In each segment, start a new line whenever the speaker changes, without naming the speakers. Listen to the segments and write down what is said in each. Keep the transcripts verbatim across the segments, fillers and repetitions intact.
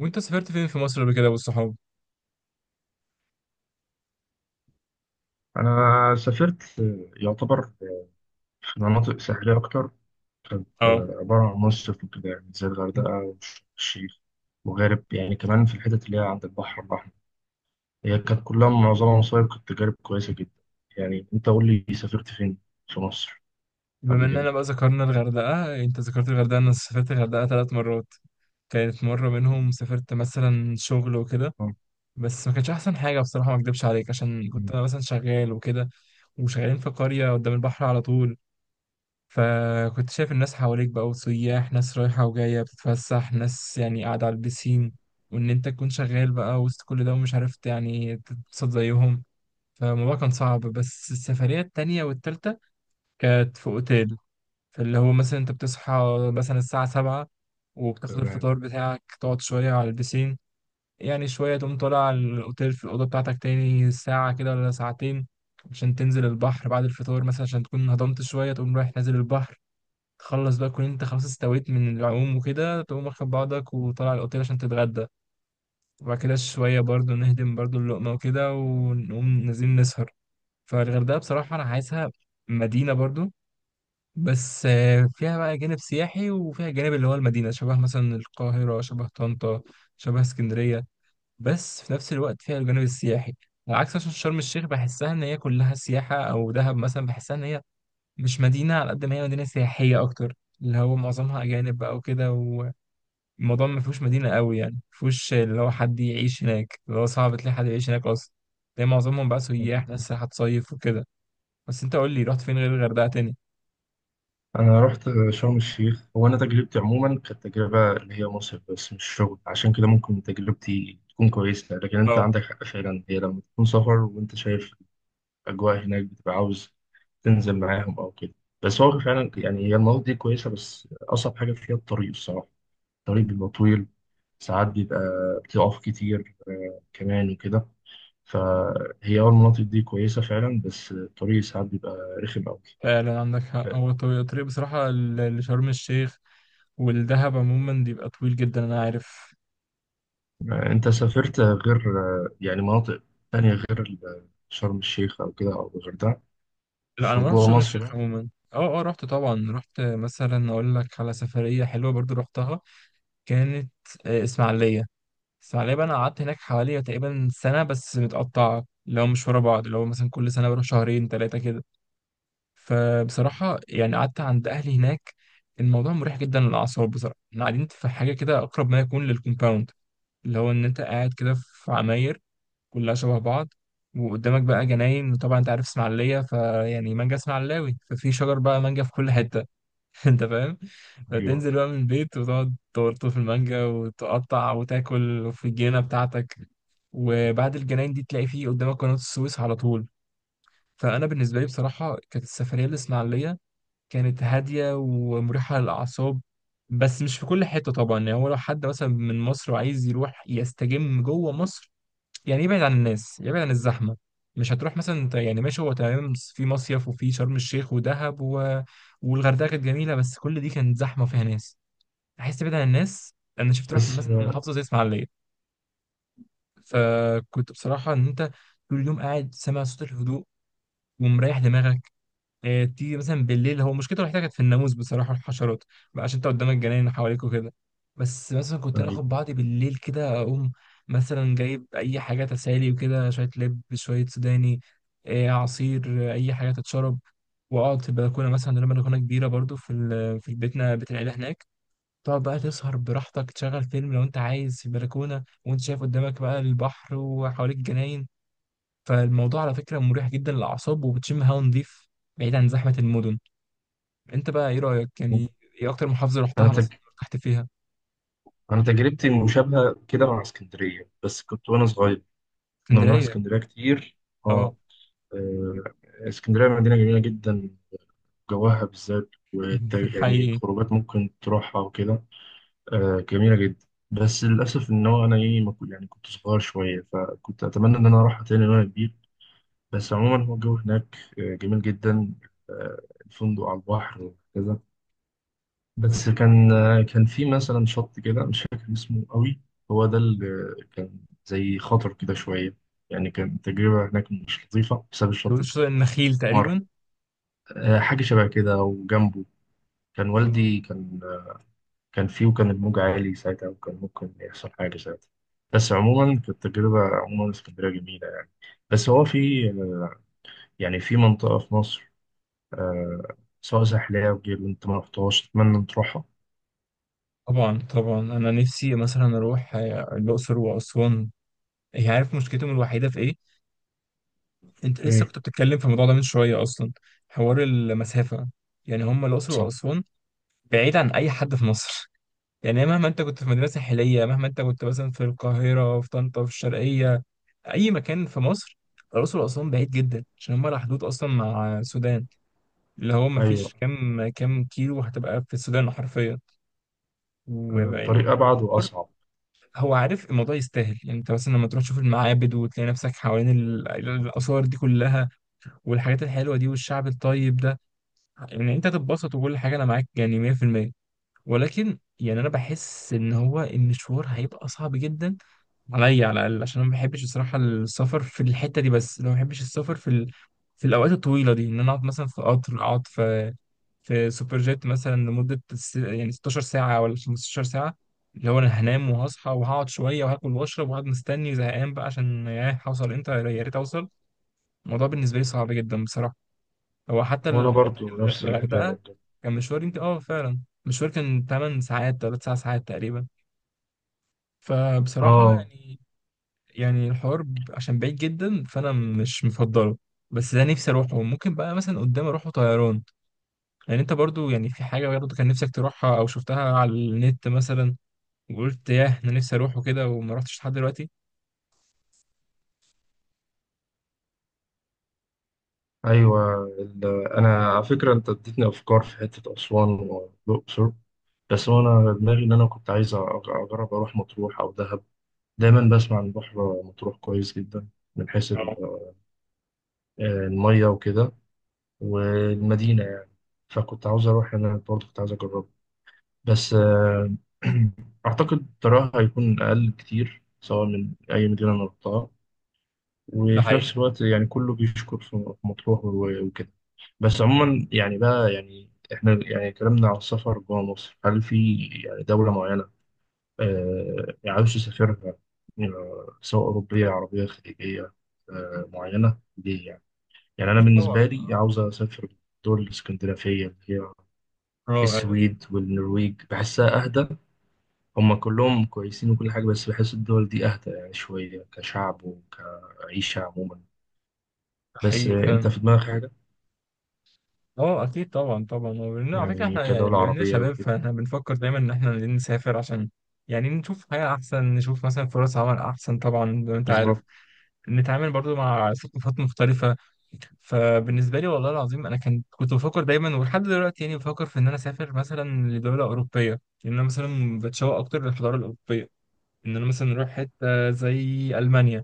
وانت سافرت فين في مصر قبل كده والصحاب؟
أنا سافرت، يعتبر، في مناطق ساحلية أكتر. كانت
اه،
عبارة عن مصيف وكده، يعني زي الغردقة والشيخ وغارب، يعني كمان في الحتت اللي هي عند البحر الأحمر. هي كانت كلها معظمها مصايف، كانت تجارب كويسة جدا. يعني أنت قول لي سافرت فين في مصر
بما
قبل كده؟
اننا بقى ذكرنا الغردقة، انت ذكرت الغردقة، انا سافرت الغردقة تلات مرات. كانت مرة منهم سافرت مثلا شغل وكده،
آه،
بس ما كانش احسن حاجة بصراحة، ما اكدبش عليك عشان كنت انا مثلا شغال وكده، وشغالين في قرية قدام البحر على طول. فكنت شايف الناس حواليك بقى، وسياح، ناس رايحة وجاية بتتفسح، ناس يعني قاعدة على البسين، وإن أنت تكون شغال بقى وسط كل ده ومش عرفت يعني تتبسط زيهم. فالموضوع كان صعب. بس السفرية التانية والتالتة كانت في اوتيل، فاللي هو مثلا انت بتصحى مثلا الساعة سبعة، وبتاخد
تمام.
الفطار بتاعك، تقعد شوية على البسين، يعني شوية تقوم طالع على الأوتيل في الأوضة بتاعتك تاني ساعة كده ولا ساعتين، عشان تنزل البحر بعد الفطار مثلا عشان تكون هضمت شوية، تقوم رايح نازل البحر، تخلص بقى كون انت خلاص استويت من العوم وكده، تقوم واخد بعضك وطالع الأوتيل عشان تتغدى، وبعد كده شوية برضو نهدم برضو اللقمة وكده، ونقوم نازلين نسهر. فالغردقة بصراحة أنا عايزها مدينة برضو، بس آه، فيها بقى جانب سياحي، وفيها جانب اللي هو المدينة، شبه مثلا القاهرة، شبه طنطا، شبه اسكندرية، بس في نفس الوقت فيها الجانب السياحي. على عكس مثلا شرم الشيخ بحسها إن هي كلها سياحة، أو دهب مثلا بحسها إن هي مش مدينة على قد ما هي مدينة سياحية أكتر، اللي هو معظمها أجانب بقى وكده، والموضوع ما فيهوش مدينة قوي، يعني ما فيهوش اللي هو حد يعيش هناك، اللي هو صعب تلاقي حد يعيش هناك أصلا، تلاقي معظمهم بقى سياح، ناس رايحة تصيف وكده. بس أنت قول لي، رحت فين غير الغردقة تاني؟
أنا رحت شرم الشيخ. هو أنا تجربتي عموما كانت تجربة اللي هي مصيف بس مش شغل، عشان كده ممكن تجربتي تكون كويسة، لكن أنت
اه،
عندك حق فعلا. هي لما تكون سفر وأنت شايف اجواء هناك بتبقى عاوز تنزل معاهم او كده. بس هو فعلا يعني هي المناطق دي كويسه، بس اصعب حاجه فيها الطريق الصراحه. الطريق بيبقى طويل، ساعات بيبقى بتقف كتير آه، كمان وكده. فهي اه المناطق دي كويسه فعلا، بس الطريق ساعات بيبقى رخم قوي.
فعلا عندك حق، هو الطريق الطريق بصراحة ل- لشرم الشيخ والدهب عموما بيبقى طويل جدا، أنا عارف.
انت سافرت غير آه، يعني مناطق تانية غير ال- شرم الشيخ او كده او الغردقه
لا، أنا
في
ما رحتش
جوه
شرم
مصر
الشيخ
بقى؟
عموما. اه اه، رحت طبعا، رحت مثلا، أقول لك على سفرية حلوة برضو رحتها، كانت آه، إسماعيلية. إسماعيلية بقى أنا قعدت هناك حوالي تقريبا سنة، بس متقطعة، اللي هو مش ورا بعض، اللي هو مثلا كل سنة بروح شهرين تلاتة كده. فبصراحة يعني قعدت عند أهلي هناك. الموضوع مريح جدا للأعصاب بصراحة. احنا قاعدين في حاجة كده أقرب ما يكون للكومباوند، لو ان انت قاعد كده في عماير كلها شبه بعض، وقدامك بقى جناين، وطبعا انت عارف اسماعيليه فيعني مانجا اسماعيلاوي، ففي شجر بقى مانجا في كل حته. انت فاهم.
ايوه.
فتنزل بقى من البيت وتقعد تورطه في المانجا وتقطع وتاكل في الجنينه بتاعتك، وبعد الجناين دي تلاقي فيه قدامك قناة السويس على طول. فأنا بالنسبة لي بصراحة كانت السفرية الإسماعيلية كانت هادية ومريحة للأعصاب. بس مش في كل حتة طبعا، يعني هو لو حد مثلا من مصر وعايز يروح يستجم جوه مصر، يعني يبعد عن الناس، يبعد عن الزحمة، مش هتروح مثلا انت، يعني ماشي هو تمام في مصيف وفي شرم الشيخ ودهب و... والغردقة كانت جميلة، بس كل دي كانت زحمة وفيها ناس، عايز تبعد عن الناس. انا شفت روح
بس
مثلا
آه،
محافظة زي اسماعيلية. فكنت بصراحة ان انت طول اليوم قاعد سامع صوت الهدوء ومريح دماغك. آه، تيجي مثلا بالليل، هو مشكلته الوحيده كانت في الناموس بصراحه والحشرات بقى، عشان انت قدامك جناين حواليك وكده. بس مثلا كنت انا
ايوه،
اخد بعضي بالليل كده، اقوم مثلا جايب اي حاجه تسالي وكده، شويه لب، شويه سوداني، آه، عصير، آه، اي حاجه تتشرب، واقعد في البلكونه مثلا، لما البلكونه كبيره برضو في ال- في بيتنا، بيت العيله هناك، تقعد بقى تسهر براحتك، تشغل فيلم لو انت عايز في البلكونه، وانت شايف قدامك بقى البحر، وحواليك جناين. فالموضوع على فكره مريح جدا للاعصاب، وبتشم هوا نضيف، بعيد عن زحمه المدن. انت بقى ايه رأيك يعني؟ ايه اكتر محافظة
انا
رحتها مثلا ارتحت فيها؟
أنا تجربتي مشابهة كده مع اسكندرية، بس كنت وأنا صغير. كنا بنروح
اسكندرية،
اسكندرية كتير.
اه.
آه آه، اسكندرية مدينة جميلة جدا، جواها بالذات والت- يعني
حقيقي.
الخروجات ممكن تروحها وكده. آه، جميلة جدا. بس للأسف إن هو أنا إيه ما كنت- يعني كنت صغير شوية، فكنت أتمنى إن أنا أروحها تاني وأنا كبير. بس عموما هو الجو هناك آه، جميل جدا. آه، الفندق على البحر وكذا. بس كان كان في مثلا شط كده مش فاكر اسمه قوي، هو ده اللي كان زي خطر كده شوية. يعني كان تجربة هناك مش لطيفة بسبب الشط
بيقولوا
ده.
شاطئ النخيل
مر،
تقريبا.
آه، حاجة شبه كده. وجنبه كان
آه.
والدي، كان كان فيه، وكان الموج عالي ساعتها، وكان ممكن يحصل حاجة ساعتها. بس عموما كانت تجربة. عموما اسكندرية جميلة يعني. بس هو في، آه، يعني في منطقة في مصر، آه، سواء ساحلية أو غيره أنت ما رحتهاش، أتمنى أن تروحها.
طبعا طبعا، انا نفسي مثلا اروح آه، الاقصر واسوان. هي عارف مشكلتهم الوحيدة في ايه؟ انت لسه
إيه.
كنت بتتكلم في الموضوع ده من شوية اصلا، حوار المسافة. يعني هم الاقصر
صح.
واسوان بعيد عن اي حد في مصر. يعني مهما انت كنت في مدينة ساحلية، مهما انت كنت مثلا في القاهرة، في طنطا، في الشرقية، اي مكان في مصر، الاقصر واسوان بعيد جدا عشان هم على حدود اصلا مع السودان، اللي هو ما
أيوه.
فيش كام كام كيلو هتبقى في السودان حرفيا.
آه،
ويعني
الطريق أبعد
مشوار.
وأصعب.
هو عارف الموضوع يستاهل، يعني انت مثلا لما تروح تشوف المعابد وتلاقي نفسك حوالين ال- الاثار دي كلها، والحاجات الحلوه دي، والشعب الطيب ده، يعني انت هتتبسط، وكل حاجه انا معاك يعني مية في المية. ولكن يعني انا بحس ان هو المشوار هيبقى صعب جدا عليا على الاقل، عشان انا ما بحبش الصراحه السفر في الحته دي. بس لو ما بحبش السفر في ال... في الاوقات الطويله دي، ان انا اقعد مثلا في قطر، اقعد في في سوبر جيت مثلا لمده س- يعني ست عشرة ساعة ساعه ولا خمستاشر ساعة ساعه، اللي هو انا هنام وهصحى وهقعد شويه وهاكل واشرب، وهقعد مستني زهقان بقى عشان ياه هوصل امتى، يا ريت اوصل. الموضوع بالنسبه لي صعب جدا بصراحه. هو حتى لما
وانا
قلت لك
برضو
الغ-
نفس الحكايه
الغردقه،
بجد.
كان مشوار، يمكن اه فعلا مشوار كان 8 ساعات، 3 ساعات ساعات تقريبا. فبصراحه
اه.
يعني، يعني الحوار ب- عشان بعيد جدا، فانا مش مفضله. بس ده نفسي اروحه، ممكن بقى مثلا قدام اروحه طيران. يعني انت برضو يعني في حاجه برضو كان نفسك تروحها او شفتها على النت مثلا، وقلت ياه انا نفسي اروحه كده وما رحتش لحد دلوقتي؟
ايوه. ال- انا على فكره انت اديتني افكار في حته اسوان والاقصر، بس انا دماغي ان انا كنت عايز أ- اجرب اروح مطروح او دهب. دايما بسمع عن بحر مطروح كويس جدا من حيث ال-
اه.
آه، الميه وكده، والمدينه يعني. فكنت عاوز اروح، انا برضو كنت عايز اجرب. بس آه، اعتقد تراها هيكون اقل كتير سواء من اي مدينه انا رحتها.
ده
وفي
حقيقي.
نفس الوقت يعني كله بيشكر في مطروح و- وكده. بس عموما يعني بقى، يعني احنا يعني اتكلمنا على السفر جوه مصر، هل في يعني دولة معينة آه عاوز تسافرها؟ آه، سواء أوروبية عربية خليجية، آه معينة دي يعني. يعني أنا
اكيد طبعا.
بالنسبة لي عاوز أسافر الدول الاسكندنافية اللي هي
اه، أيوة،
السويد والنرويج، بحسها أهدى. هما كلهم كويسين وكل حاجة، بس بحس الدول دي أهدى يعني شوية، كشعب وكعيشة عموما.
ده
بس
حقيقي
آه، انت
فعلا.
في دماغك حاجة؟
اه، اكيد طبعا طبعا، وبن- على فكره
يعني
احنا يعني
كدولة
بما اننا
عربية
شباب،
وكده.
فاحنا بنفكر دايما ان احنا عايزين نسافر عشان يعني نشوف حياه احسن، نشوف مثلا فرص عمل احسن طبعا زي ما انت عارف،
بالظبط.
نتعامل برضو مع ثقافات مختلفة. فبالنسبة لي والله العظيم أنا كان كنت بفكر دايما، ولحد دلوقتي يعني بفكر في إن أنا أسافر مثلا لدولة أوروبية، لأن أنا مثلا بتشوق أكتر للحضارة الأوروبية، إن أنا مثلا أروح حتة زي ألمانيا.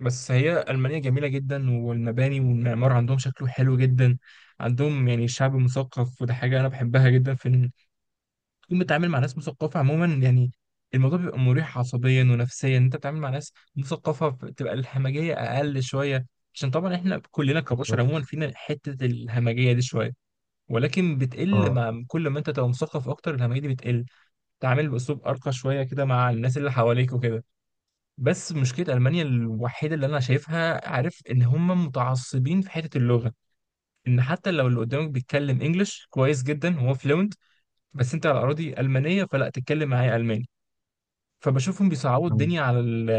بس هي ألمانيا جميلة جدا، والمباني والمعمار عندهم شكله حلو جدا، عندهم يعني شعب مثقف، وده حاجة أنا بحبها جدا. في تكون بتتعامل مع ناس مثقفة عموما، يعني الموضوع بيبقى مريح عصبيا ونفسيا، إن انت بتتعامل مع ناس مثقفة بتبقى الهمجية اقل شوية، عشان طبعا احنا كلنا كبشر عموما
بالظبط.
فينا حتة الهمجية دي شوية، ولكن بتقل
اه
مع كل ما انت تبقى مثقف اكتر، الهمجية دي بتقل، تعامل باسلوب ارقى شوية كده مع الناس اللي حواليك وكده. بس مشكلة المانيا الوحيدة اللي انا شايفها، عارف ان هم متعصبين في حتة اللغة، ان حتى لو اللي قدامك بيتكلم انجلش كويس جدا، هو فلوينت، بس انت على اراضي المانية فلا تتكلم معايا الماني. فبشوفهم بيصعبوا
عن-
الدنيا على ال-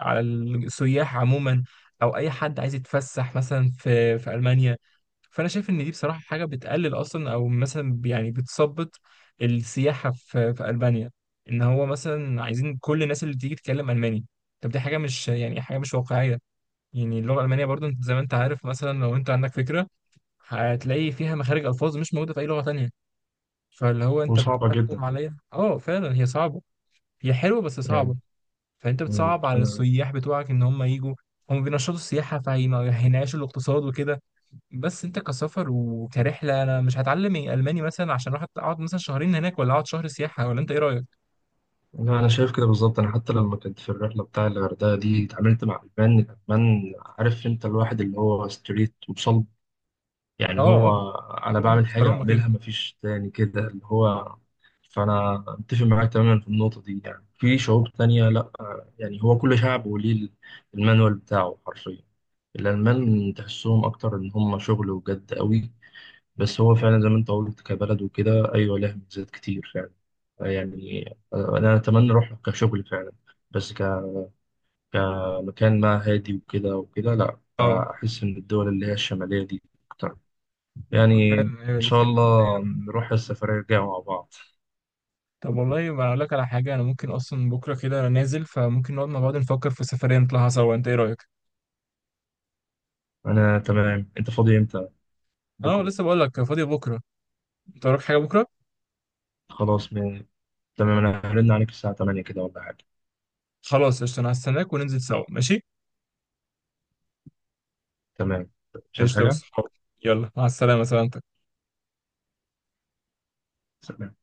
على السياح عموما، او اي حد عايز يتفسح مثلا في في المانيا. فانا شايف ان دي بصراحه حاجه بتقلل اصلا، او مثلا يعني بتثبط السياحه في في المانيا، ان هو مثلا عايزين كل الناس اللي بتيجي تتكلم الماني. طب دي حاجه مش يعني حاجه مش واقعيه. يعني اللغه الالمانيه برضو انت زي ما انت عارف، مثلا لو انت عندك فكره هتلاقي فيها مخارج الفاظ مش موجوده في اي لغه تانية. فاللي هو انت
وصعبة جدا
بتحكم عليها، اه فعلا هي صعبه. هي حلوه بس
يعني.
صعبه. فانت
مم.
بتصعب على
انا
السياح بتوعك ان هم يجوا، هم بينشطوا السياحه فهينعشوا الاقتصاد وكده. بس انت كسفر وكرحله انا مش هتعلم الماني مثلا عشان اروح اقعد مثلا شهرين هناك ولا اقعد شهر سياحه، ولا انت ايه رايك؟
لا، انا شايف كده بالظبط. انا حتى لما كنت في الرحلة بتاع الغردقة دي اتعاملت مع المان الالمان. عارف انت الواحد اللي هو ستريت وصلب، يعني
اه اه،
هو انا
بتكلم
بعمل حاجة
بصرامه كده.
بعملها مفيش تاني كده اللي هو. فانا متفق معاك تماما في النقطة دي، يعني في شعوب تانية لا، يعني هو كل شعب وليه المانوال بتاعه حرفيا. الألمان تحسهم أكتر إن هم شغل وجد قوي. بس هو فعلا زي ما أنت قلت كبلد وكده، أيوة لها ميزات كتير فعلا يعني. أنا أتمنى أروح كشغل فعلا، بس ك... كمكان ما، هادي وكده وكده، لأ،
اه،
أحس إن الدول اللي هي الشمالية دي أكتر يعني.
فعلا ايوه
إن شاء
الاسكندريه.
الله نروح السفرية الجاية مع بعض.
طب والله ما اقول لك على حاجه، انا ممكن اصلا بكره كده انا نازل، فممكن نقعد مع بعض نفكر في سفريه نطلعها سوا، انت ايه رايك؟
أنا تمام، أنت فاضي إمتى؟
اه،
بكرة؟
لسه بقول لك فاضي بكره. انت وراك حاجه بكره؟
خلاص م... تمام، أنا هرن عليك الساعة الثامنة كده ولا حاجة.
خلاص قشطه، انا هستناك وننزل سوا، ماشي؟
تمام. مش عايز
قشطه يا
حاجة؟
أستاذ. يلا مع السلامه، سلامتك.
سلام.